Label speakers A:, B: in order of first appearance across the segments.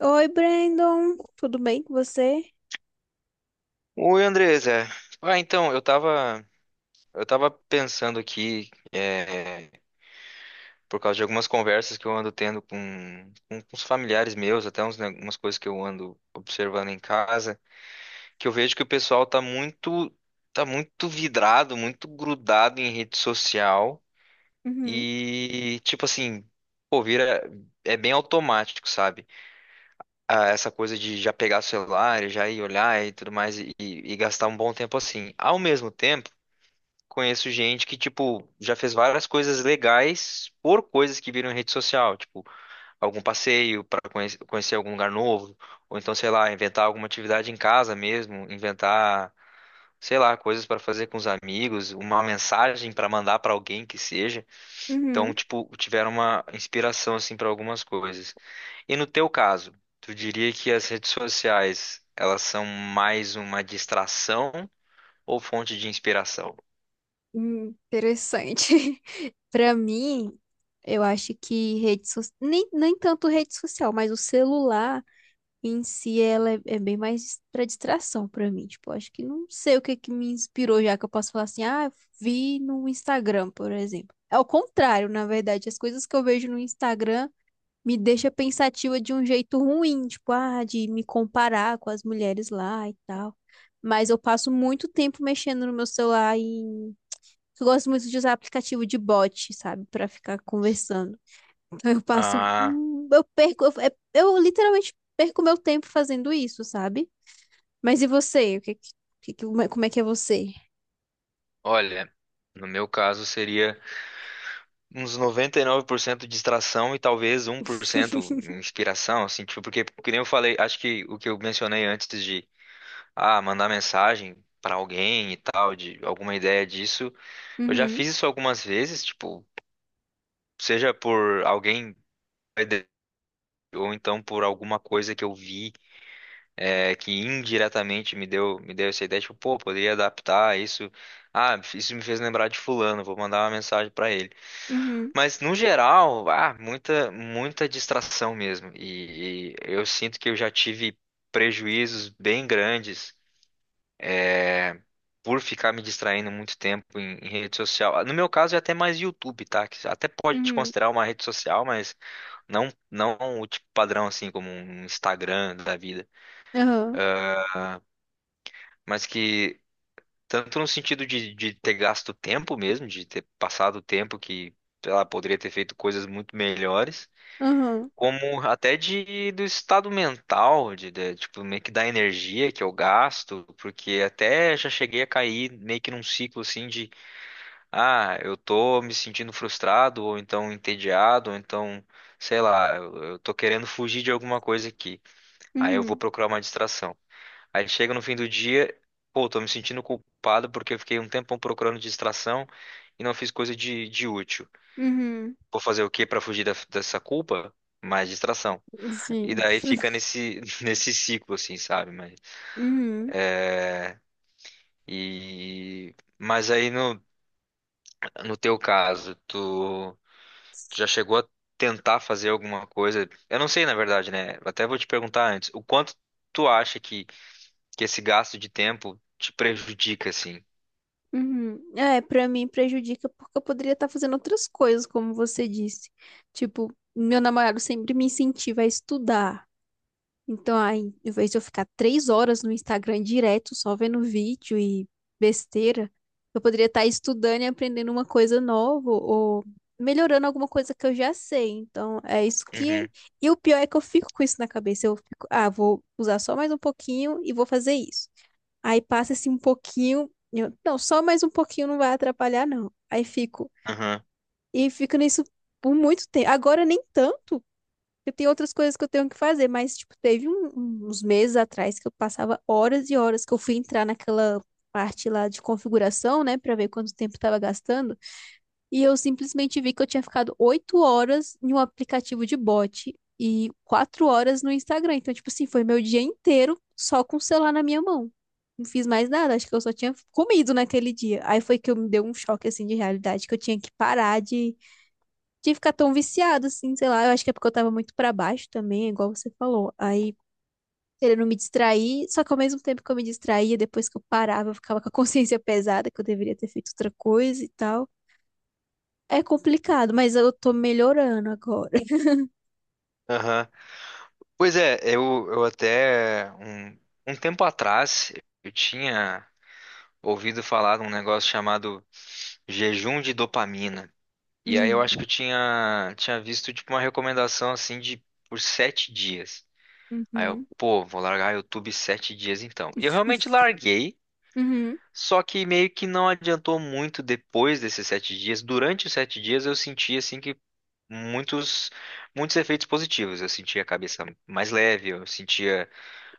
A: Oi, Brandon. Tudo bem com você?
B: Oi, Andresa. Ah, então, eu tava, eu tava pensando aqui, por causa de algumas conversas que eu ando tendo com os familiares meus, até uns, né, umas coisas que eu ando observando em casa, que eu vejo que o tá muito vidrado, muito grudado em rede social
A: Uhum,
B: e, tipo assim, pô, vira, é bem automático, sabe? Ah, essa coisa de já pegar o celular, e já ir olhar e tudo mais e gastar um bom tempo assim. Ao mesmo tempo, conheço gente que, tipo, já fez várias coisas legais por coisas que viram em rede social, tipo, algum passeio para conhecer algum lugar novo, ou então, sei lá, inventar alguma atividade em casa mesmo, inventar, sei lá, coisas para fazer com os amigos, uma mensagem para mandar para alguém que seja. Então,
A: uhum.
B: tipo, tiveram uma inspiração assim para algumas coisas. E no teu caso, tu diria que as redes sociais, elas são mais uma distração ou fonte de inspiração?
A: Interessante. Pra mim, eu acho que rede social, nem tanto rede social, mas o celular em si ela é bem mais pra distração pra mim. Tipo, eu acho que não sei o que que me inspirou já que eu posso falar assim, ah, vi no Instagram, por exemplo. É o contrário, na verdade, as coisas que eu vejo no Instagram me deixa pensativa de um jeito ruim, tipo, ah, de me comparar com as mulheres lá e tal. Mas eu passo muito tempo mexendo no meu celular e eu gosto muito de usar aplicativo de bot, sabe, pra ficar conversando. Então eu passo,
B: Ah,
A: eu perco, eu literalmente perco meu tempo fazendo isso, sabe? Mas e você? O que, que- Como é que é você?
B: Olha, no meu caso seria uns 99% distração e talvez um 1% inspiração, assim, tipo, porque, que nem eu falei, acho que o que eu mencionei antes de, ah, mandar mensagem para alguém e tal, de alguma ideia disso, eu já
A: Uhum,
B: fiz isso algumas vezes, tipo, seja por alguém ou então por alguma coisa que eu vi que indiretamente me deu essa ideia, tipo, pô, poderia adaptar isso. Ah, isso me fez lembrar de fulano, vou mandar uma mensagem para ele.
A: uhum,
B: Mas no geral, ah, muita distração mesmo. E eu sinto que eu já tive prejuízos bem grandes por ficar me distraindo muito tempo em rede social. Ah, no meu caso é até mais YouTube, tá? Que até pode te
A: uhum.
B: considerar uma rede social, mas não o tipo padrão assim como um Instagram da vida,
A: Aham,
B: mas que tanto no sentido de ter gasto tempo mesmo, de ter passado tempo que, sei lá, poderia ter feito coisas muito melhores
A: aham,
B: como até de do estado mental, tipo meio que da energia que eu gasto, porque até já cheguei a cair meio que num ciclo assim de ah, eu tô me sentindo frustrado ou então entediado, ou então sei lá, eu tô querendo fugir de alguma coisa aqui. Aí eu vou
A: uhum,
B: procurar uma distração. Aí chega no fim do dia, pô, tô me sentindo culpado porque eu fiquei um tempão procurando distração e não fiz coisa de útil.
A: uhum.
B: Vou fazer o quê para fugir da- dessa culpa? Mais distração. E
A: Sim.
B: daí fica nesse, nesse ciclo, assim, sabe?
A: Uhum.
B: Mas aí no teu caso, tu, tu já chegou a tentar fazer alguma coisa? Eu não sei, na verdade, né? Até vou te perguntar antes, o quanto tu acha que esse gasto de tempo te prejudica, assim?
A: Uhum. É, pra mim prejudica porque eu poderia estar fazendo outras coisas, como você disse. Tipo, meu namorado sempre me incentiva a estudar. Então, aí, em vez de eu ficar 3 horas no Instagram direto, só vendo vídeo e besteira, eu poderia estar estudando e aprendendo uma coisa nova ou melhorando alguma coisa que eu já sei. Então, é isso que é.
B: Uhum,
A: E o pior é que eu fico com isso na cabeça. Eu fico, ah, vou usar só mais um pouquinho e vou fazer isso. Aí passa-se um pouquinho, não, só mais um pouquinho não vai atrapalhar, não. Aí fico,
B: aham,
A: e fico nisso por muito tempo. Agora nem tanto, porque tem outras coisas que eu tenho que fazer, mas, tipo, teve uns meses atrás que eu passava horas e horas que eu fui entrar naquela parte lá de configuração, né, para ver quanto tempo estava gastando. E eu simplesmente vi que eu tinha ficado 8 horas em um aplicativo de bot e 4 horas no Instagram. Então, tipo assim, foi meu dia inteiro só com o celular na minha mão. Não fiz mais nada, acho que eu só tinha comido naquele dia. Aí foi que eu me deu um choque, assim, de realidade, que eu tinha que parar de ficar tão viciado, assim, sei lá. Eu acho que é porque eu tava muito pra baixo também, igual você falou. Aí, querendo me distrair, só que ao mesmo tempo que eu me distraía, depois que eu parava, eu ficava com a consciência pesada, que eu deveria ter feito outra coisa e tal. É complicado, mas eu tô melhorando agora.
B: aham. Pois é, eu até um tempo atrás eu tinha ouvido falar de um negócio chamado jejum de dopamina. E aí eu
A: Hum.
B: acho que eu tinha visto tipo uma recomendação assim de por sete dias. Aí eu,
A: Uhum.
B: pô, vou largar YouTube sete dias então. E eu realmente larguei,
A: Uhum.
B: só que meio que não adiantou muito depois desses sete dias. Durante os sete dias eu senti assim que muitos, muitos efeitos positivos. Eu sentia a cabeça mais leve, eu sentia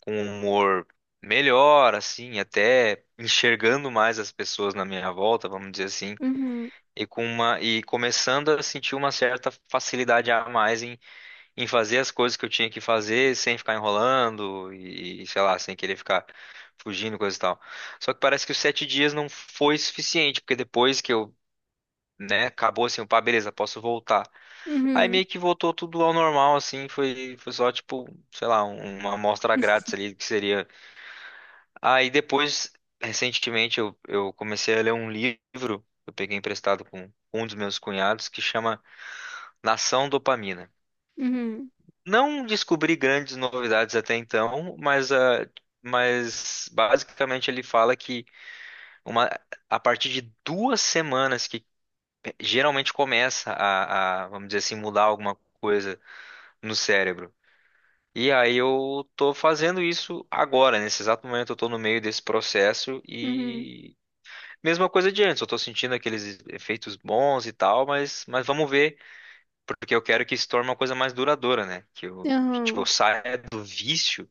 B: com um humor melhor, assim, até enxergando mais as pessoas na minha volta, vamos dizer assim
A: Uhum.
B: e com uma e começando a sentir uma certa facilidade a mais em fazer as coisas que eu tinha que fazer sem ficar enrolando e sei lá, sem querer ficar fugindo, coisa e tal. Só que parece que os sete dias não foi suficiente, porque depois que eu, né, acabou assim, pá, beleza, posso voltar. Aí
A: Uhum.
B: meio que voltou tudo ao normal, assim, foi só tipo, sei lá, um- uma amostra grátis ali que seria. Aí depois, recentemente, eu comecei a ler um livro, que eu peguei emprestado com um dos meus cunhados, que chama Nação Dopamina.
A: Uhum.
B: Não descobri grandes novidades até então, mas, ah, mas basicamente ele fala que uma, a partir de duas semanas que geralmente começa vamos dizer assim, mudar alguma coisa no cérebro. E aí eu tô fazendo isso agora, nesse exato momento eu tô no meio desse processo
A: Uhum.
B: e mesma coisa de antes, eu tô sentindo aqueles efeitos bons e tal, mas vamos ver porque eu quero que isso torne uma coisa mais duradoura, né? Que eu, que, tipo, eu
A: Aham.
B: saia do vício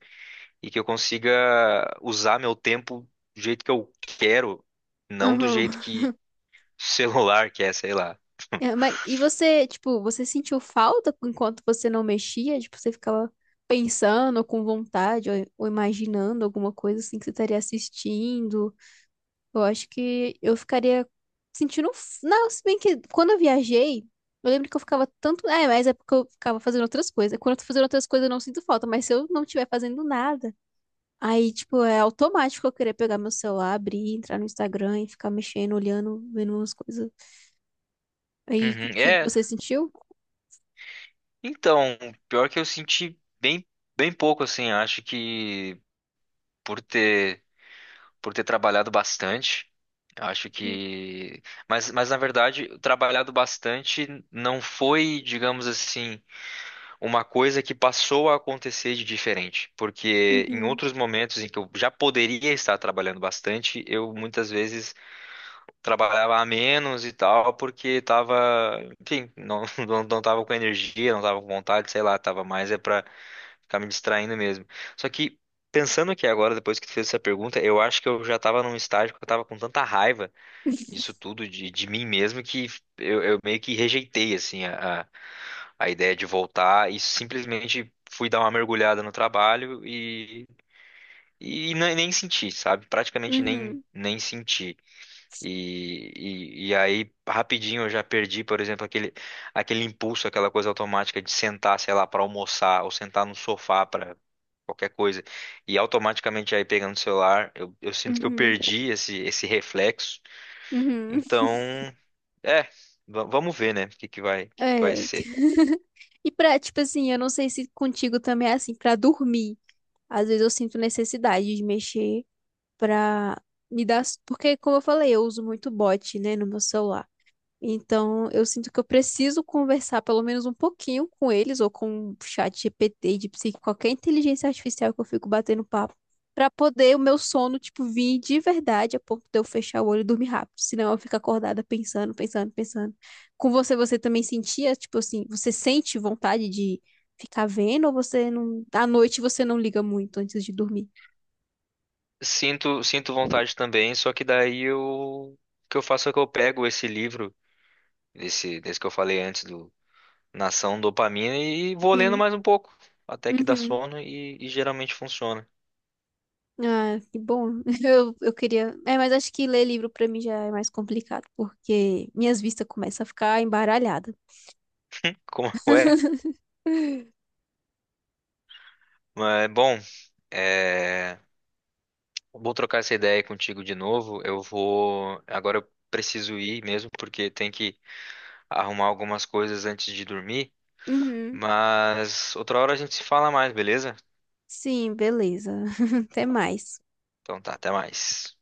B: e que eu consiga usar meu tempo do jeito que eu quero, não do
A: Aham.
B: jeito que o celular quer, sei lá.
A: É, mas e você, tipo, você sentiu falta enquanto você não mexia? Tipo, você ficava pensando com vontade ou imaginando alguma coisa assim que você estaria assistindo? Eu acho que eu ficaria sentindo. Não, se bem que quando eu viajei, eu lembro que eu ficava tanto. É, mas é porque eu ficava fazendo outras coisas. Quando eu tô fazendo outras coisas, eu não sinto falta, mas se eu não estiver fazendo nada, aí, tipo, é automático eu querer pegar meu celular, abrir, entrar no Instagram e ficar mexendo, olhando, vendo umas coisas. Aí
B: Uhum.
A: contigo,
B: É,
A: você sentiu?
B: então, pior que eu senti bem, bem pouco, assim, acho que por ter, por ter trabalhado bastante, acho que, mas na verdade, trabalhado bastante não foi, digamos assim, uma coisa que passou a acontecer de diferente, porque em
A: Uhum,
B: outros momentos em que eu já poderia estar trabalhando bastante, eu muitas vezes trabalhava a menos e tal, porque estava, enfim, não, não tava com energia, não tava com vontade, sei lá, tava mais é para ficar me distraindo mesmo. Só que pensando aqui agora, depois que tu fez essa pergunta, eu acho que eu já estava num estágio que eu estava com tanta raiva disso tudo, de mim mesmo, que eu meio que rejeitei, assim, a ideia de voltar e simplesmente fui dar uma mergulhada no trabalho e ne- nem senti, sabe? Praticamente
A: uhum,
B: nem senti. E, e aí, rapidinho, eu já perdi, por exemplo, aquele, aquele impulso, aquela coisa automática de sentar, sei lá, para almoçar ou sentar no sofá para qualquer coisa. E automaticamente aí pegando o celular, eu sinto que eu
A: uhum,
B: perdi esse, esse reflexo.
A: uhum.
B: Então, é, va- vamos ver, né? O que que vai, o que que vai
A: É.
B: ser.
A: E pra, tipo assim, eu não sei se contigo também é assim, pra dormir. Às vezes eu sinto necessidade de mexer pra me dar. Porque, como eu falei, eu uso muito bot, né, no meu celular. Então, eu sinto que eu preciso conversar pelo menos um pouquinho com eles, ou com o chat GPT, de psique, qualquer inteligência artificial que eu fico batendo papo, pra poder o meu sono, tipo, vir de verdade a ponto de eu fechar o olho e dormir rápido. Senão eu fico acordada pensando, pensando, pensando. Com você, você também sentia, tipo assim, você sente vontade de ficar vendo, ou você não. À noite você não liga muito antes de dormir?
B: Sinto, sinto vontade também, só que daí eu, o que eu faço é que eu pego esse livro, esse, desse que eu falei antes, do Nação Dopamina, e vou lendo
A: Hum,
B: mais um pouco, até que dá
A: uhum.
B: sono e geralmente funciona.
A: Ah, que bom. Eu queria. É, mas acho que ler livro pra mim já é mais complicado, porque minhas vistas começam a ficar embaralhadas.
B: Como é? Mas, bom, é, vou trocar essa ideia contigo de novo. Eu vou. Agora eu preciso ir mesmo, porque tem que arrumar algumas coisas antes de dormir,
A: Uhum.
B: mas outra hora a gente se fala mais, beleza?
A: Sim, beleza. Até mais.
B: Então tá, até mais.